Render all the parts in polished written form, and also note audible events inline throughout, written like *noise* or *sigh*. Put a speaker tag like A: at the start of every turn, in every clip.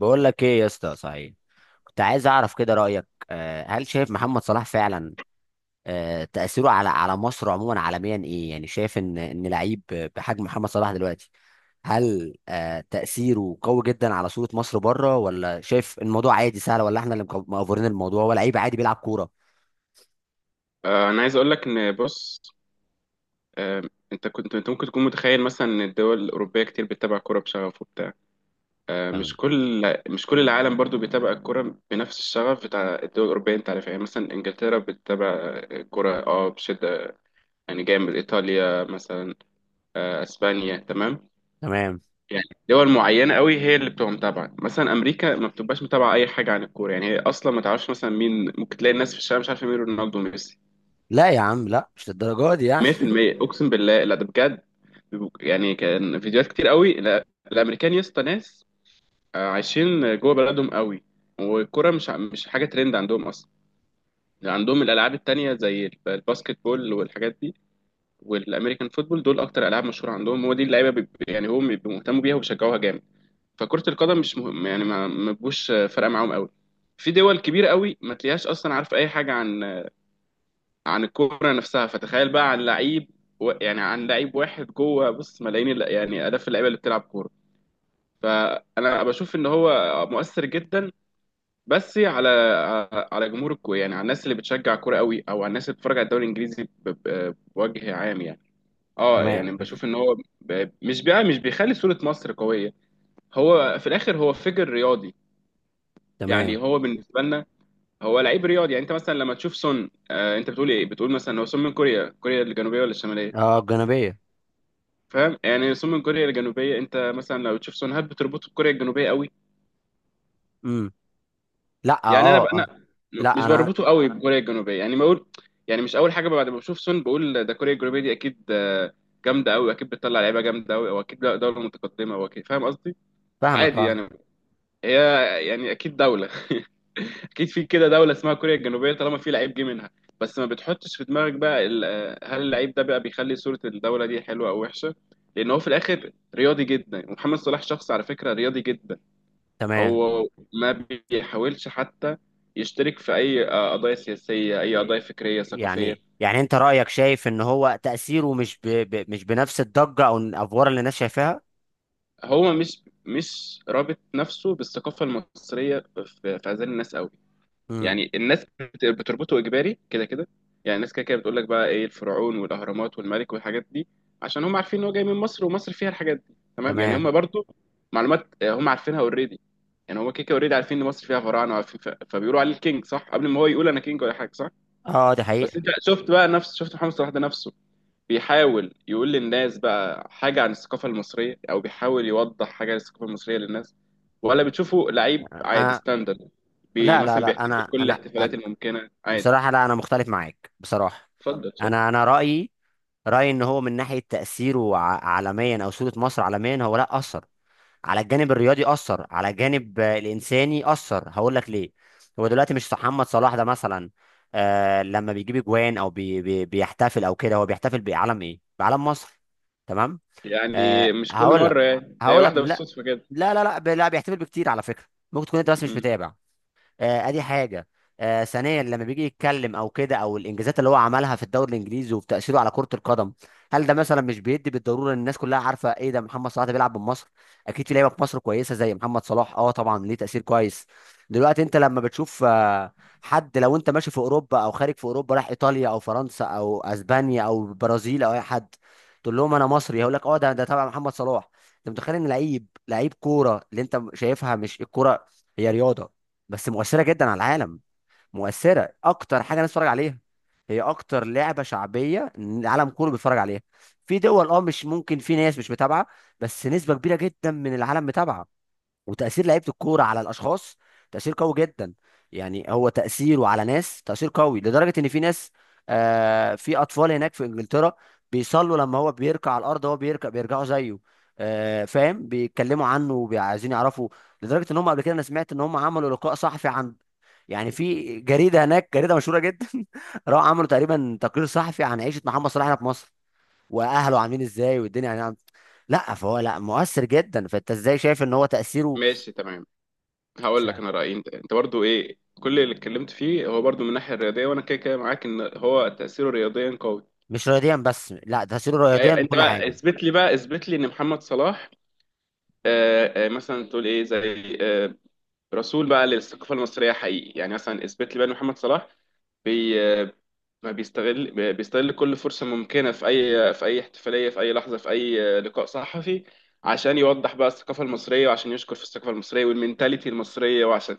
A: بقول لك ايه يا اسطى صحيح، كنت عايز اعرف كده رايك. هل شايف محمد صلاح فعلا تاثيره على مصر عموما عالميا ايه؟ يعني شايف ان لعيب بحجم محمد صلاح دلوقتي هل تاثيره قوي جدا على صوره مصر بره، ولا شايف الموضوع عادي سهل، ولا احنا اللي مأفورين الموضوع، هو لعيب عادي بيلعب كوره؟
B: انا عايز اقول لك ان بص. آه، انت كنت ممكن تكون متخيل مثلا ان الدول الاوروبيه كتير بتتابع كوره بشغف وبتاع. آه، مش
A: تمام.
B: كل مش كل العالم برضو بيتابع الكوره بنفس الشغف بتاع الدول الاوروبيه، انت عارف؟ يعني مثلا انجلترا بتتابع الكوره اه بشده، يعني جامد. ايطاليا مثلا، اسبانيا، تمام.
A: تمام.
B: يعني دول معينه قوي هي اللي بتبقى متابعه. مثلا امريكا ما بتبقاش متابعه اي حاجه عن الكوره، يعني هي اصلا ما تعرفش. مثلا مين؟ ممكن تلاقي الناس في الشارع مش عارفه مين رونالدو وميسي.
A: لا يا عم، لا، مش للدرجه دي يعني. *laughs*
B: 100% اقسم بالله، لا ده بجد، يعني كان فيديوهات كتير قوي. الامريكان يا اسطى ناس عايشين جوه بلدهم قوي، والكرة مش حاجه ترند عندهم اصلا. يعني عندهم الالعاب التانية زي الباسكت بول والحاجات دي، والامريكان فوتبول، دول اكتر العاب مشهوره عندهم، هو دي اللعيبه يعني هم بيبقوا مهتموا بيها وبيشجعوها جامد. فكره القدم مش مهم، يعني ما بيبقوش فارقه معاهم قوي. في دول كبيره قوي ما تلاقيهاش اصلا عارفه اي حاجه عن الكوره نفسها، فتخيل بقى عن لعيب، يعني عن لعيب واحد جوه. بص، ملايين يعني آلاف اللعيبه اللي بتلعب كوره، فانا بشوف ان هو مؤثر جدا بس على جمهور الكوره، يعني على الناس اللي بتشجع كوره قوي، او على الناس اللي بتتفرج على الدوري الانجليزي بوجه عام يعني. اه
A: تمام.
B: يعني بشوف ان هو مش بقى مش بيخلي صوره مصر قويه. هو في الاخر هو فيجر رياضي، يعني
A: تمام.
B: هو بالنسبه لنا هو لعيب رياضي. يعني انت مثلا لما تشوف سون، آه انت بتقول ايه؟ بتقول مثلا هو سون من كوريا، كوريا الجنوبيه ولا الشماليه؟
A: اه الجانبيه.
B: فاهم يعني؟ رسوم من كوريا الجنوبيه. انت مثلا لو تشوف سون هاب بتربطه بكوريا الجنوبيه قوي.
A: امم لا اه.
B: يعني انا بقى
A: اه
B: انا
A: لا
B: مش
A: انا.
B: بربطه قوي بكوريا الجنوبيه، يعني بقول، يعني مش اول حاجه بعد ما بشوف سون بقول ده كوريا الجنوبيه دي اكيد جامده قوي، اكيد بتطلع لعيبه جامده قوي، او اكيد دوله متقدمه، او اكيد فاهم قصدي؟
A: فاهمك
B: عادي
A: اه.
B: يعني. هي يعني اكيد دوله *laughs* اكيد في كده دوله اسمها كوريا الجنوبيه طالما في لعيب جه منها. بس ما بتحطش في دماغك بقى هل اللعيب ده بقى بيخلي صوره الدوله دي حلوه او وحشه؟ لان هو في الاخر رياضي جدا. محمد صلاح شخص على فكره رياضي جدا،
A: تمام.
B: هو ما بيحاولش حتى يشترك في اي قضايا سياسيه، اي قضايا فكريه ثقافيه.
A: يعني يعني انت رأيك شايف ان هو تأثيره مش مش بنفس الضجة او الافوار اللي الناس شايفاها.
B: هو مش رابط نفسه بالثقافه المصريه في اذهان الناس قوي.
A: امم.
B: يعني الناس بتربطه اجباري كده كده. يعني الناس كده كده بتقول لك بقى ايه، الفرعون والاهرامات والملك والحاجات دي، عشان هم عارفين ان هو جاي من مصر ومصر فيها الحاجات دي، تمام؟ يعني
A: تمام.
B: هم برضو معلومات هم عارفينها اوريدي. يعني هم كده كده اوريدي عارفين ان مصر فيها فراعنه وعارفين، ف... فبيقولوا عليه الكينج، صح؟ قبل ما هو يقول انا كينج ولا حاجه، صح.
A: اه دي
B: بس
A: حقيقة.
B: انت شفت بقى نفس، شفت محمد صلاح ده نفسه بيحاول يقول للناس بقى حاجة عن الثقافة المصرية، أو بيحاول يوضح حاجة عن الثقافة المصرية للناس، ولا بتشوفه لعيب عادي
A: انا.
B: ستاندرد
A: لا لا
B: مثلا
A: لا،
B: بيحتفل
A: انا
B: كل
A: انا
B: الاحتفالات الممكنة عادي؟
A: بصراحة، لا انا مختلف معاك بصراحة.
B: اتفضل اتفضل.
A: انا رأيي، رأيي ان هو من ناحية تأثيره عالميا او صورة مصر عالميا، هو لا أثر على الجانب الرياضي، اثر على الجانب الانساني، اثر. هقول لك ليه. هو دلوقتي مش محمد صلاح ده مثلا آه لما بيجيب اجوان او بي بي بيحتفل او كده، هو بيحتفل بعلم ايه؟ بعلم مصر. تمام. آه
B: يعني مش كل
A: هقول لك،
B: مرة، يعني هي
A: هقول لك
B: واحدة
A: لا.
B: بالصدفة كده.
A: بيحتفل بكتير على فكره، ممكن تكون انت بس مش
B: مم.
A: متابع. ادي حاجه. ثانيا، لما بيجي يتكلم او كده، او الانجازات اللي هو عملها في الدوري الانجليزي وتاثيره على كره القدم، هل ده مثلا مش بيدي بالضروره ان الناس كلها عارفه ايه ده؟ محمد صلاح ده بيلعب بمصر، اكيد في لعيبه في مصر كويسه زي محمد صلاح اه طبعا ليه تاثير كويس. دلوقتي انت لما بتشوف حد، لو انت ماشي في اوروبا او خارج في اوروبا، راح ايطاليا او فرنسا او اسبانيا او البرازيل او اي حد تقول لهم انا مصري، هيقول لك اه ده تبع محمد صلاح. انت متخيل ان لعيب، لعيب كوره اللي انت شايفها مش الكوره، هي رياضه بس مؤثره جدا على العالم. مؤثره، اكتر حاجه الناس بتتفرج عليها، هي اكتر لعبه شعبيه العالم كله بيتفرج عليها. في دول اه مش ممكن، في ناس مش متابعه، بس نسبه كبيره جدا من العالم متابعه. وتاثير لعيبه الكوره على الاشخاص تاثير قوي جدا. يعني هو تاثيره على ناس تاثير قوي لدرجه ان في ناس آه، في اطفال هناك في انجلترا بيصلوا لما هو بيركع على الارض، هو بيركع بيرجعوا زيه. آه فاهم، بيتكلموا عنه وعايزين يعرفوا، لدرجه ان هم قبل كده انا سمعت ان هم عملوا لقاء صحفي عن، يعني في جريده هناك جريده مشهوره جدا *laughs* راحوا عملوا تقريبا تقرير صحفي عن عيشه محمد صلاح هنا في مصر، واهله عاملين ازاي والدنيا يعني لا فهو لا مؤثر جدا، فانت ازاي شايف ان هو تاثيره؟
B: ماشي تمام.
A: مش
B: هقول لك
A: عارف.
B: أنا رأيي، أنت أنت برضو إيه كل اللي اتكلمت فيه هو برضو من الناحية الرياضية، وأنا كده كده معاك إن هو تأثيره رياضيا قوي.
A: مش رياضيا بس، لا تاثيره رياضيا
B: أيوة، أنت
A: بكل
B: بقى
A: حاجه.
B: اثبت لي بقى، اثبت لي إن محمد صلاح مثلا تقول إيه زي رسول بقى للثقافه المصريه حقيقي. يعني مثلا اثبت لي بقى ان محمد صلاح بي ما بيستغل بيستغل كل فرصه ممكنه في اي، في اي احتفاليه، في اي لحظه، في اي لقاء صحفي، عشان يوضح بقى الثقافه المصريه، وعشان يشكر في الثقافه المصريه والمنتاليتي المصريه، وعشان،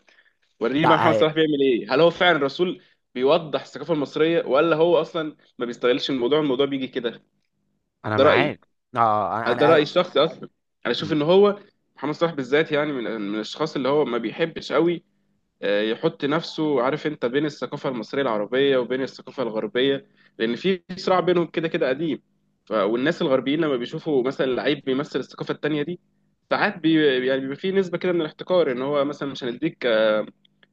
B: وريني بقى
A: لا
B: محمد
A: هي...
B: صلاح بيعمل ايه. هل هو فعلا رسول بيوضح الثقافه المصريه، ولا هو اصلا ما بيستغلش الموضوع، الموضوع بيجي كده؟
A: انا
B: ده رايي،
A: معاك. اه انا
B: ده
A: انا
B: رايي الشخصي اصلا. انا اشوف ان هو محمد صلاح بالذات يعني من الاشخاص اللي هو ما بيحبش قوي يحط نفسه، عارف انت، بين الثقافة المصرية العربية وبين الثقافة الغربية، لأن في صراع بينهم كده كده قديم. والناس الغربيين لما بيشوفوا مثلا لعيب بيمثل الثقافة التانية دي، ساعات يعني بيبقى في نسبة كده من الاحتكار، ان هو مثلا مش هنديك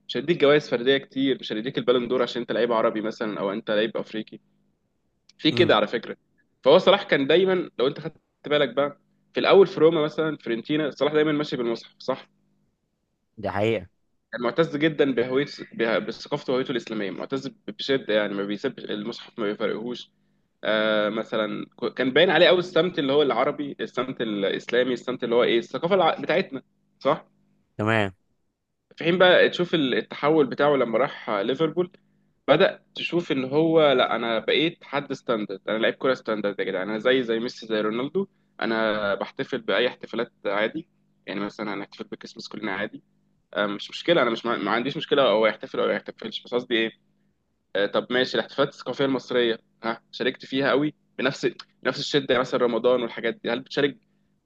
B: مش هنديك جوائز فردية كتير، مش هنديك البالون دور، عشان انت لعيب عربي مثلا، او انت لعيب افريقي. في
A: امم
B: كده على فكرة. فهو صلاح كان دايما، لو انت خدت بالك بقى، في الاول في روما مثلا، فيورنتينا، صلاح دايما ماشي بالمصحف، صح؟
A: دي حقيقة.
B: معتز جدا بهويته، بثقافته وهويته الاسلاميه، معتز بشده، يعني ما بيسيبش المصحف ما بيفرقهوش. آه مثلا كان باين عليه قوي السمت اللي هو العربي، السمت الاسلامي، السمت اللي هو ايه، الثقافه الع... بتاعتنا، صح؟
A: تمام.
B: في حين بقى تشوف التحول بتاعه لما راح ليفربول، بدأ تشوف ان هو لا، انا بقيت حد ستاندرد، انا لعيب كوره ستاندرد يا جدعان، انا زي، ميسي، زي رونالدو، انا بحتفل باي احتفالات عادي. يعني مثلا هنحتفل بكريسماس كلنا عادي، مش مشكله. انا مش ما عنديش مشكله هو يحتفل او ما يحتفلش، بس قصدي ايه، طب ماشي الاحتفالات الثقافيه المصريه ها شاركت فيها قوي بنفس، بنفس الشده؟ يعني مثلا رمضان والحاجات دي هل بتشارك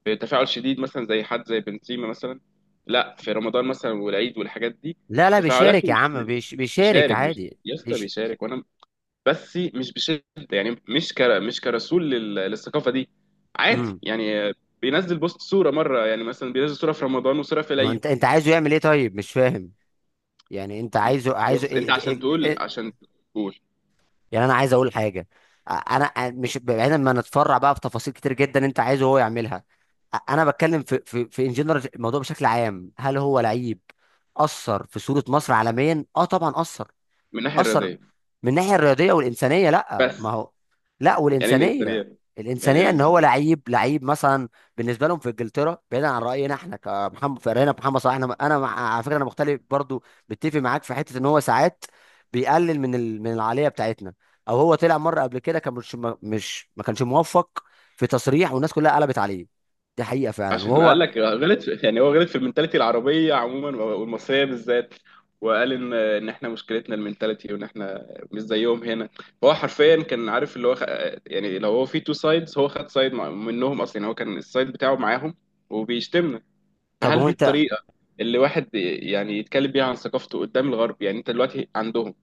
B: بتفاعل شديد مثلا زي حد زي بنزيما مثلا، لا، في رمضان مثلا والعيد والحاجات دي؟
A: لا لا، بيشارك
B: تفاعلاته
A: يا
B: مش،
A: عم، بيشارك
B: بيشارك،
A: عادي.
B: يا اسطى
A: بيش...
B: بيشارك، وانا، بس مش بشده. يعني مش كر... مش كرسول لل... للثقافه دي، عادي
A: امم.
B: يعني، بينزل بوست، صوره مره، يعني مثلا بينزل صوره في رمضان وصوره في
A: ما
B: العيد.
A: انت، انت عايزه يعمل ايه طيب؟ مش فاهم. يعني انت عايزه، عايزه
B: بص انت عشان تقول، عشان تقول
A: يعني انا عايز اقول حاجه. مش بعيدا ما نتفرع بقى في تفاصيل كتير جدا انت عايزه هو يعملها. انا بتكلم في ان جنرال الموضوع بشكل عام، هل هو لعيب اثر في صوره مصر عالميا؟ اه طبعا اثر.
B: من الناحيه
A: اثر
B: الرياضيه
A: من الناحيه الرياضيه والانسانيه. لا ما
B: بس.
A: هو، لا
B: يعني ايه
A: والانسانيه.
B: الانسانيه؟ يعني ايه
A: الانسانيه ان هو
B: الانسان؟
A: لعيب، لعيب مثلا بالنسبه لهم في انجلترا. بعيدا عن راينا احنا كمحمد فرقنا محمد صلاح، انا على فكره انا مختلف برضو، متفق معاك في حته ان هو ساعات بيقلل من من العاليه بتاعتنا، او هو طلع مره قبل كده كان مش ما- مش ما كانش موفق في تصريح والناس كلها قلبت عليه، دي حقيقه فعلا.
B: عشان
A: وهو
B: قال لك غلط في، يعني هو غلط في المنتاليتي العربيه عموما والمصريه بالذات، وقال ان احنا مشكلتنا المنتاليتي، وان احنا مش زيهم هنا. فهو حرفيا كان عارف اللي هو خ... يعني لو هو في تو سايدز هو خد سايد منهم اصلا، يعني هو كان السايد بتاعه معاهم وبيشتمنا.
A: طب
B: فهل
A: هو
B: دي
A: انت
B: الطريقه اللي واحد يعني يتكلم بيها عن ثقافته قدام الغرب؟ يعني انت دلوقتي عندهم،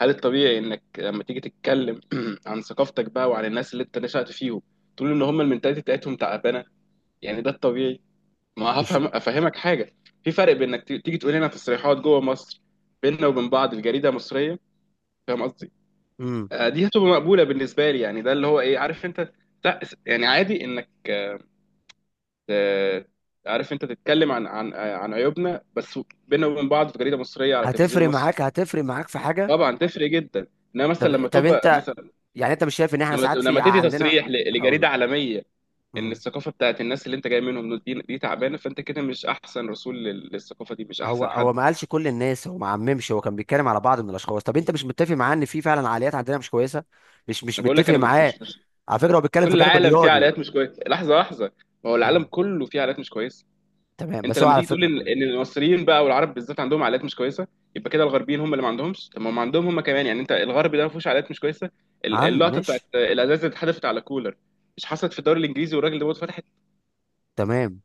B: هل الطبيعي انك لما تيجي تتكلم *clears throat* عن ثقافتك بقى وعن الناس اللي انت نشأت فيهم تقول ان هم المنتاليتي بتاعتهم تعبانه؟ يعني ده الطبيعي؟ ما
A: مش
B: هفهم افهمك حاجه، في فرق بين انك تيجي تقول لنا تصريحات جوه مصر بيننا وبين بعض، الجريده مصريه، فاهم قصدي؟
A: امم.
B: دي هتبقى مقبوله بالنسبه لي، يعني ده اللي هو ايه، عارف انت، تع- يعني عادي انك آه، عارف انت تتكلم عن عن عيوبنا بس بيننا وبين بعض في جريده مصريه على
A: هتفرق
B: تلفزيون مصري.
A: معاك، هتفرق معاك في حاجه؟
B: طبعا تفرق جدا، انما مثلا
A: طب
B: لما
A: طب
B: تبقى
A: انت
B: مثلا،
A: يعني انت مش شايف ان احنا
B: لما
A: ساعات في
B: لما تدي
A: عندنا؟
B: تصريح
A: هقول
B: لجريده
A: لك
B: عالميه ان
A: مم.
B: الثقافه بتاعت الناس اللي انت جاي منهم دول دي تعبانه، فانت كده مش احسن رسول للثقافه دي، مش
A: هو
B: احسن حد.
A: هو ما قالش كل الناس، هو ما عممش، هو كان بيتكلم على بعض من الاشخاص. طب انت مش متفق معاه ان في فعلا عقليات عندنا مش كويسه؟ مش مش
B: انا بقول لك
A: متفق
B: انا
A: معاه.
B: مش
A: على فكره هو بيتكلم
B: كل
A: في جانب
B: العالم فيه
A: الرياضي.
B: عائلات مش كويسه، لحظه لحظه، ما هو العالم
A: مم.
B: كله فيه عائلات مش كويسه.
A: تمام،
B: انت
A: بس هو
B: لما
A: على
B: تيجي تقول
A: فكره.
B: ان المصريين بقى والعرب بالذات عندهم عائلات مش كويسه، يبقى كده الغربيين هم اللي ما عندهمش؟ طب ما هم عندهم هم كمان، يعني انت الغرب ده ما فيهوش عائلات مش كويسه؟
A: عند
B: اللقطه بتاعت
A: مش.
B: الازاز اللي اتحدفت على كولر مش حصلت في الدوري الانجليزي والراجل ده فتح؟
A: تمام.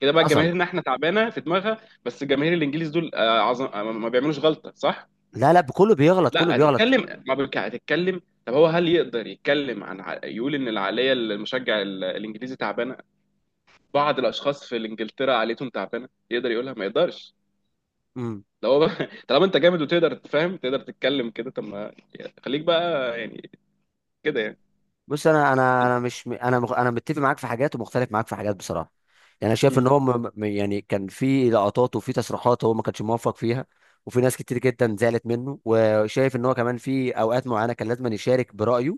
B: كده بقى
A: حصل.
B: جماهيرنا احنا تعبانه في دماغها، بس جماهير الانجليز دول عظم، ما بيعملوش غلطه؟ صح؟
A: لا لا، كله بيغلط، كله
B: لا
A: بيغلط.
B: هتتكلم ما بك... هتتكلم. طب هو هل يقدر يتكلم عن يقول ان العقليه المشجع الانجليزي تعبانه، بعض الاشخاص في انجلترا عقليتهم تعبانه، يقدر يقولها؟ ما يقدرش.
A: مم.
B: لو هو بقى- *laughs* طالما انت جامد وتقدر تفهم تقدر تتكلم كده، طب ما خليك بقى يعني، كده يعني.
A: بص، انا انا انا مش انا مغ- انا متفق معاك في حاجات ومختلف معاك في حاجات بصراحه. يعني انا شايف ان
B: مم.
A: هو يعني كان في لقطات وفي تصريحات هو ما كانش موفق فيها، وفي ناس كتير جدا زعلت منه، وشايف ان هو كمان في اوقات معينه كان لازم يشارك برايه.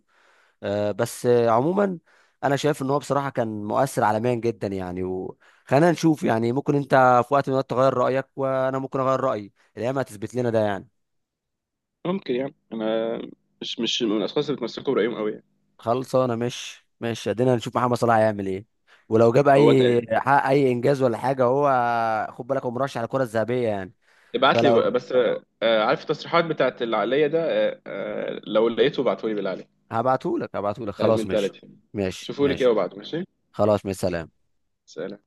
A: آه، بس آه، عموما انا شايف ان هو بصراحه كان مؤثر عالميا جدا يعني، وخلينا نشوف، يعني ممكن انت في وقت من الوقت تغير رايك، وانا ممكن اغير رايي، الايام هتثبت لنا ده يعني.
B: ممكن يعني. انا مش، مش من الاشخاص اللي بتمسكوا برايهم قوي يعني.
A: خلصانه، مش مش ادينا نشوف محمد صلاح هيعمل ايه، ولو جاب
B: هو
A: اي، حقق اي انجاز ولا حاجه. هو خد بالك هو مرشح على الكره الذهبيه يعني.
B: ابعت لي بقى،
A: فلو
B: بس عارف التصريحات بتاعت العقلية ده، لو لقيته ابعته لي بالله عليك،
A: هبعتهولك، هبعتهولك
B: بتاع
A: خلاص. ماشي،
B: المنتاليتي،
A: ماشي،
B: شوفوا لي كده
A: ماشي.
B: وابعته، ماشي؟
A: خلاص مع السلامة.
B: سلام.